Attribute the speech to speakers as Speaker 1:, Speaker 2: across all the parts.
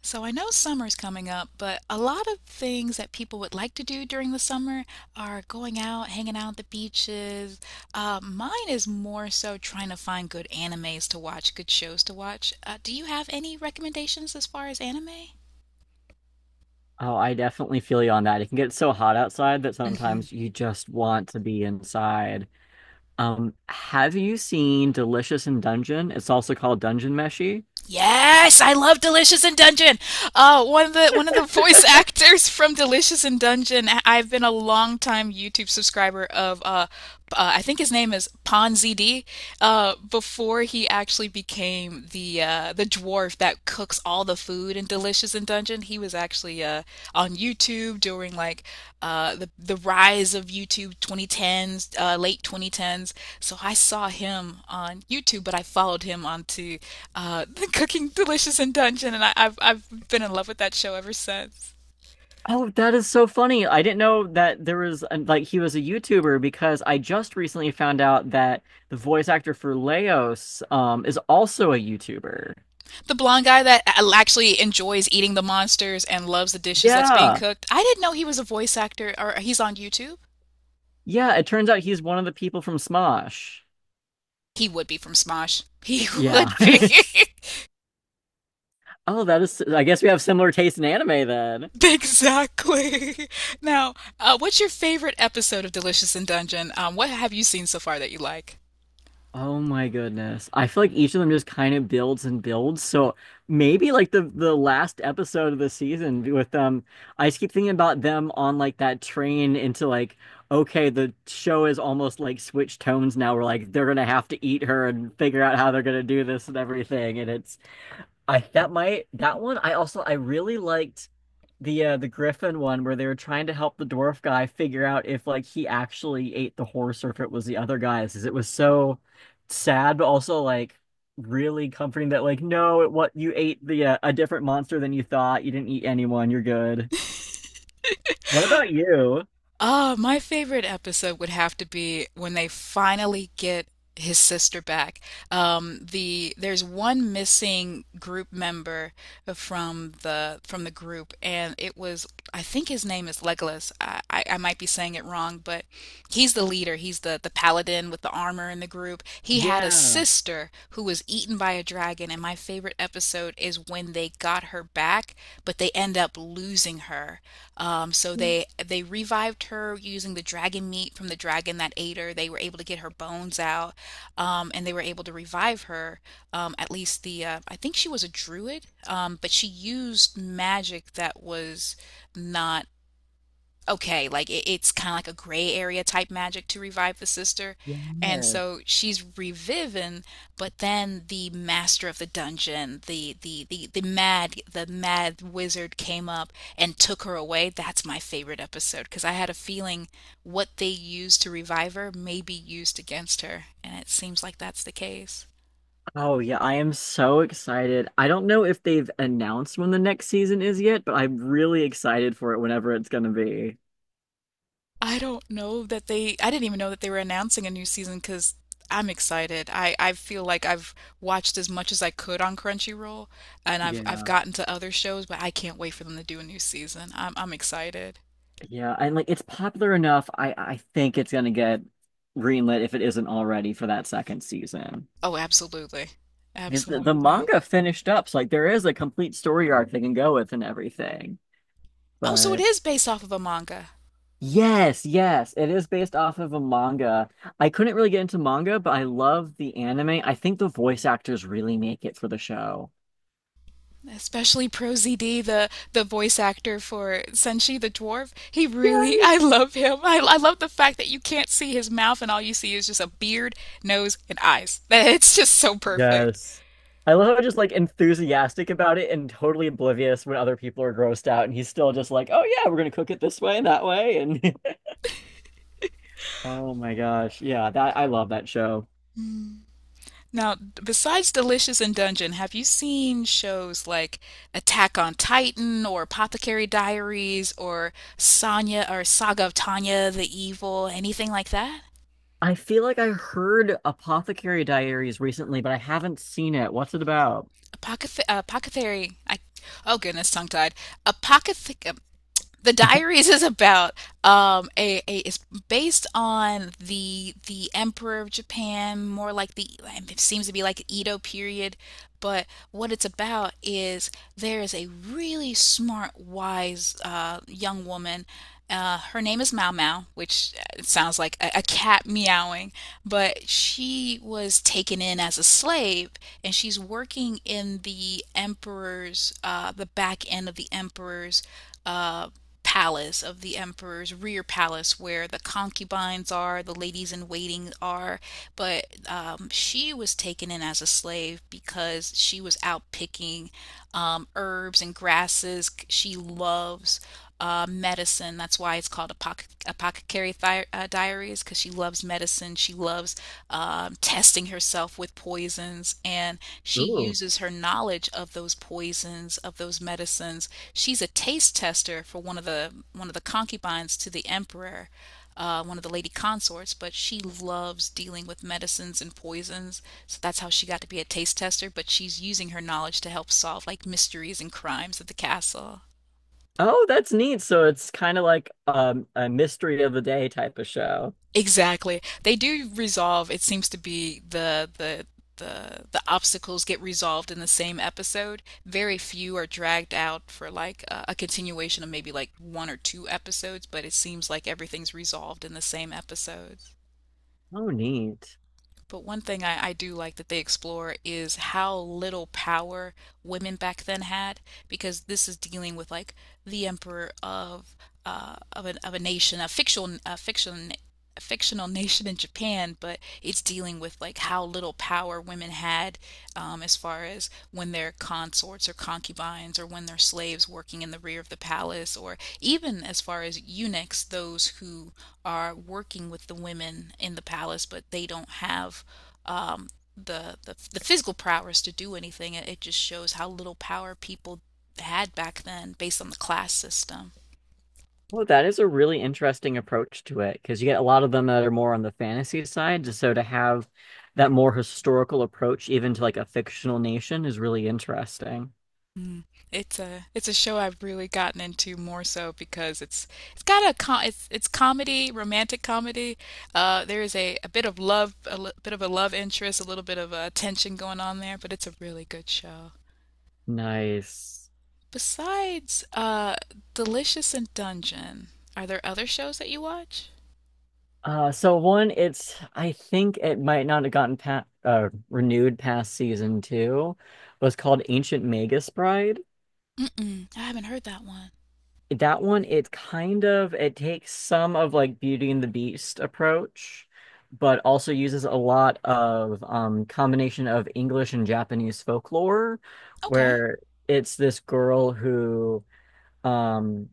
Speaker 1: So I know summer's coming up, but a lot of things that people would like to do during the summer are going out, hanging out at the beaches. Mine is more so trying to find good animes to watch, good shows to watch. Do you have any recommendations as far as anime?
Speaker 2: Oh, I definitely feel you on that. It can get so hot outside that
Speaker 1: Hmm.
Speaker 2: sometimes you just want to be inside. Have you seen Delicious in Dungeon? It's also called Dungeon Meshi.
Speaker 1: Yes, I love Delicious in Dungeon. One of the voice actors from Delicious in Dungeon I've been a long time YouTube subscriber of. I think his name is Ponzd. Before he actually became the dwarf that cooks all the food in Delicious and Dungeon. He was actually on YouTube during like the rise of YouTube 2010s, late 2010s. So I saw him on YouTube, but I followed him onto the Cooking Delicious and Dungeon, and I've been in love with that show ever since.
Speaker 2: Oh, that is so funny. I didn't know that there was an, like he was a YouTuber because I just recently found out that the voice actor for Leos is also a YouTuber.
Speaker 1: The blonde guy that actually enjoys eating the monsters and loves the dishes that's being
Speaker 2: Yeah.
Speaker 1: cooked. I didn't know he was a voice actor, or he's on YouTube.
Speaker 2: Yeah, it turns out he's one of the people from Smosh.
Speaker 1: He would be from Smosh. He
Speaker 2: Yeah.
Speaker 1: would be.
Speaker 2: Oh, that is, I guess we have similar taste in anime then.
Speaker 1: Exactly. Now, what's your favorite episode of Delicious in Dungeon? What have you seen so far that you like?
Speaker 2: Oh my goodness. I feel like each of them just kind of builds and builds. So maybe like the last episode of the season with them, I just keep thinking about them on like that train into like, okay, the show is almost like switched tones now. We're like they're gonna have to eat her and figure out how they're gonna do this and everything. And it's, I that might that one, I also I really liked the Griffin one where they were trying to help the dwarf guy figure out if like he actually ate the horse or if it was the other guy's, 'cause it was so sad, but also like really comforting that like no, it what you ate the a different monster than you thought. You didn't eat anyone. You're good. What about you?
Speaker 1: Ah, my favorite episode would have to be when they finally get his sister back. There's one missing group member from the group, and it was, I think his name is Legolas. I might be saying it wrong, but he's the leader. He's the paladin with the armor in the group. He had a
Speaker 2: Yeah.
Speaker 1: sister who was eaten by a dragon, and my favorite episode is when they got her back, but they end up losing her. So they revived her using the dragon meat from the dragon that ate her. They were able to get her bones out, and they were able to revive her. At least the I think she was a druid, but she used magic that was not okay, like it's kind of like a gray area type magic to revive the sister. And
Speaker 2: Yeah.
Speaker 1: so she's reviving, but then the master of the dungeon, the mad wizard came up and took her away. That's my favorite episode because I had a feeling what they used to revive her may be used against her, and it seems like that's the case.
Speaker 2: Oh yeah, I am so excited. I don't know if they've announced when the next season is yet, but I'm really excited for it whenever it's gonna be.
Speaker 1: I don't know that they, I didn't even know that they were announcing a new season because I'm excited. I feel like I've watched as much as I could on Crunchyroll and I've
Speaker 2: Yeah.
Speaker 1: gotten to other shows, but I can't wait for them to do a new season. I'm excited.
Speaker 2: Yeah, and like it's popular enough. I think it's gonna get greenlit if it isn't already for that second season.
Speaker 1: Oh, absolutely.
Speaker 2: Because the
Speaker 1: Absolutely.
Speaker 2: manga finished up, so like there is a complete story arc they can go with and everything.
Speaker 1: Oh, so it
Speaker 2: But
Speaker 1: is based off of a manga.
Speaker 2: yes, yes, it is based off of a manga. I couldn't really get into manga, but I love the anime. I think the voice actors really make it for the show.
Speaker 1: Especially Pro ZD, the voice actor for Senshi the dwarf. He really, I
Speaker 2: Yes.
Speaker 1: love him. I love the fact that you can't see his mouth and all you see is just a beard, nose, and eyes. It's just so perfect.
Speaker 2: Yes. I love how just like enthusiastic about it and totally oblivious when other people are grossed out and he's still just like, "Oh yeah, we're gonna cook it this way and that way." And oh my gosh, yeah, that I love that show.
Speaker 1: Now, besides Delicious and Dungeon, have you seen shows like Attack on Titan or Apothecary Diaries or Sonya or Saga of Tanya the Evil, anything like that?
Speaker 2: I feel like I heard Apothecary Diaries recently, but I haven't seen it. What's it about?
Speaker 1: Apothe- Apothecary, I, oh goodness, tongue tied. Apothe- The Diaries is about a is based on the Emperor of Japan, more like the, it seems to be like Edo period, but what it's about is there is a really smart, wise young woman. Her name is Mau Mau, which sounds like a cat meowing, but she was taken in as a slave and she's working in the emperor's, the back end of the emperor's uh, palace, of the emperor's rear palace, where the concubines are, the ladies in waiting are. But she was taken in as a slave because she was out picking herbs and grasses. She loves medicine. That's why it's called Apothecary Diaries, because she loves medicine. She loves testing herself with poisons, and she
Speaker 2: Ooh.
Speaker 1: uses her knowledge of those poisons, of those medicines. She's a taste tester for one of the concubines to the emperor. One of the lady consorts, but she loves dealing with medicines and poisons. So that's how she got to be a taste tester. But she's using her knowledge to help solve like mysteries and crimes at the castle.
Speaker 2: Oh, that's neat. So it's kind of like a mystery of the day type of show.
Speaker 1: Exactly. They do resolve, it seems to be the obstacles get resolved in the same episode. Very few are dragged out for like a continuation of maybe like one or two episodes, but it seems like everything's resolved in the same episodes.
Speaker 2: Oh, neat.
Speaker 1: But one thing I do like that they explore is how little power women back then had, because this is dealing with like the emperor of a nation, a fictional nation in Japan, but it's dealing with like how little power women had as far as when they're consorts or concubines or when they're slaves working in the rear of the palace, or even as far as eunuchs, those who are working with the women in the palace, but they don't have um, the physical prowess to do anything. It just shows how little power people had back then, based on the class system.
Speaker 2: Well, that is a really interesting approach to it because you get a lot of them that are more on the fantasy side. So to have that more historical approach, even to like a fictional nation, is really interesting.
Speaker 1: Mm. It's a show I've really gotten into more so because it's got a com it's comedy, romantic comedy. There is a bit of love, a li- bit of a love interest, a little bit of a tension going on there, but it's a really good show.
Speaker 2: Nice.
Speaker 1: Besides Delicious and Dungeon, are there other shows that you watch?
Speaker 2: So one, it's I think it might not have gotten pa renewed past season two, was called Ancient Magus Bride.
Speaker 1: Mm-mm, I haven't heard that one.
Speaker 2: That one, it kind of it takes some of like Beauty and the Beast approach, but also uses a lot of combination of English and Japanese folklore,
Speaker 1: Okay.
Speaker 2: where it's this girl who um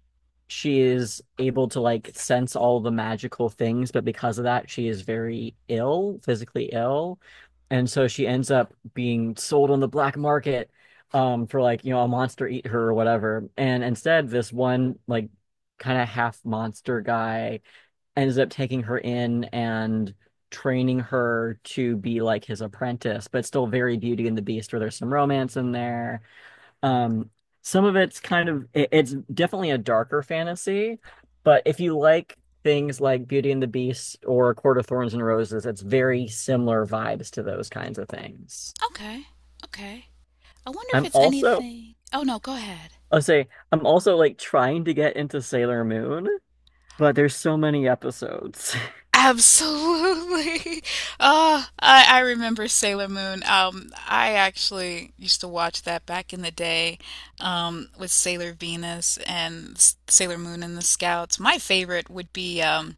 Speaker 2: she is able to like sense all the magical things, but because of that she is very ill, physically ill, and so she ends up being sold on the black market, for like you know a monster eat her or whatever, and instead this one like kind of half monster guy ends up taking her in and training her to be like his apprentice, but still very Beauty and the Beast where there's some romance in there. um, some of it's kind of it, it's definitely a darker fantasy, but if you like things like Beauty and the Beast or Court of Thorns and Roses, it's very similar vibes to those kinds of things.
Speaker 1: Okay. Okay. I wonder if
Speaker 2: I'm
Speaker 1: it's
Speaker 2: also,
Speaker 1: anything. Oh no, go ahead.
Speaker 2: I'll say I'm also like trying to get into Sailor Moon, but there's so many episodes.
Speaker 1: Absolutely. Oh, I remember Sailor Moon. I actually used to watch that back in the day, with Sailor Venus and S- Sailor Moon and the Scouts. My favorite would be um,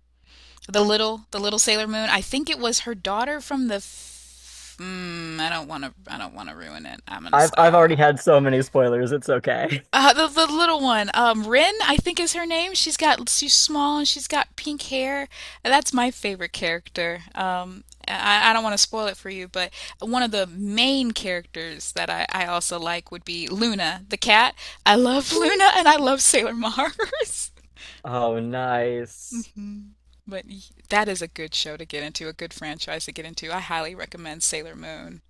Speaker 1: The little the little Sailor Moon. I think it was her daughter from the. F- mm, I don't want to. I don't want to ruin it. I'm gonna
Speaker 2: I've already
Speaker 1: stop.
Speaker 2: had so many spoilers, it's okay.
Speaker 1: The little one, Rin, I think is her name. She's small and she's got pink hair. That's my favorite character. I don't want to spoil it for you, but one of the main characters that I also like would be Luna, the cat. I love Luna and I love Sailor Mars.
Speaker 2: Oh, nice.
Speaker 1: Mm. But y- that is a good show to get into, a good franchise to get into. I highly recommend Sailor Moon.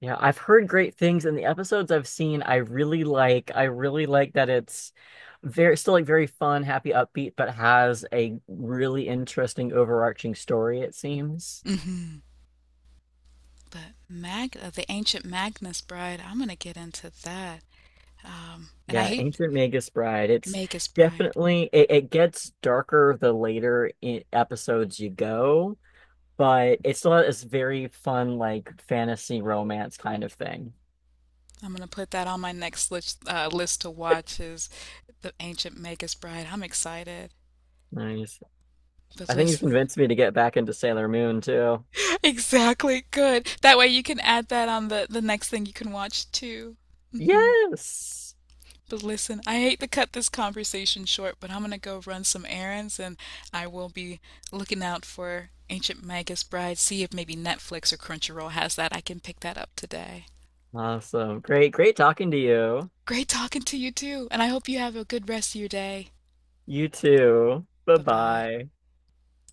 Speaker 2: Yeah, I've heard great things in the episodes I've seen. I really like that it's very still like very fun, happy, upbeat, but has a really interesting overarching story, it seems.
Speaker 1: Hmm. The Ancient Magnus Bride, I'm gonna get into that. And I
Speaker 2: Yeah,
Speaker 1: hate
Speaker 2: Ancient Magus Bride. It's
Speaker 1: Magus Bride.
Speaker 2: definitely it, it gets darker the later I episodes you go, but it's still this very fun like fantasy romance kind of thing.
Speaker 1: I'm gonna put that on my next list, list to watch is the Ancient Magus Bride. I'm excited.
Speaker 2: Nice.
Speaker 1: But
Speaker 2: I think you've
Speaker 1: listen,
Speaker 2: convinced me to get back into Sailor Moon too.
Speaker 1: exactly good. That way you can add that on the next thing you can watch too. Mm-hmm.
Speaker 2: Yes.
Speaker 1: But listen, I hate to cut this conversation short, but I'm gonna go run some errands and I will be looking out for Ancient Magus Bride, see if maybe Netflix or Crunchyroll has that. I can pick that up today.
Speaker 2: Awesome. Great, great talking to you.
Speaker 1: Great talking to you too, and I hope you have a good rest of your day.
Speaker 2: You too.
Speaker 1: Bye bye.
Speaker 2: Bye-bye.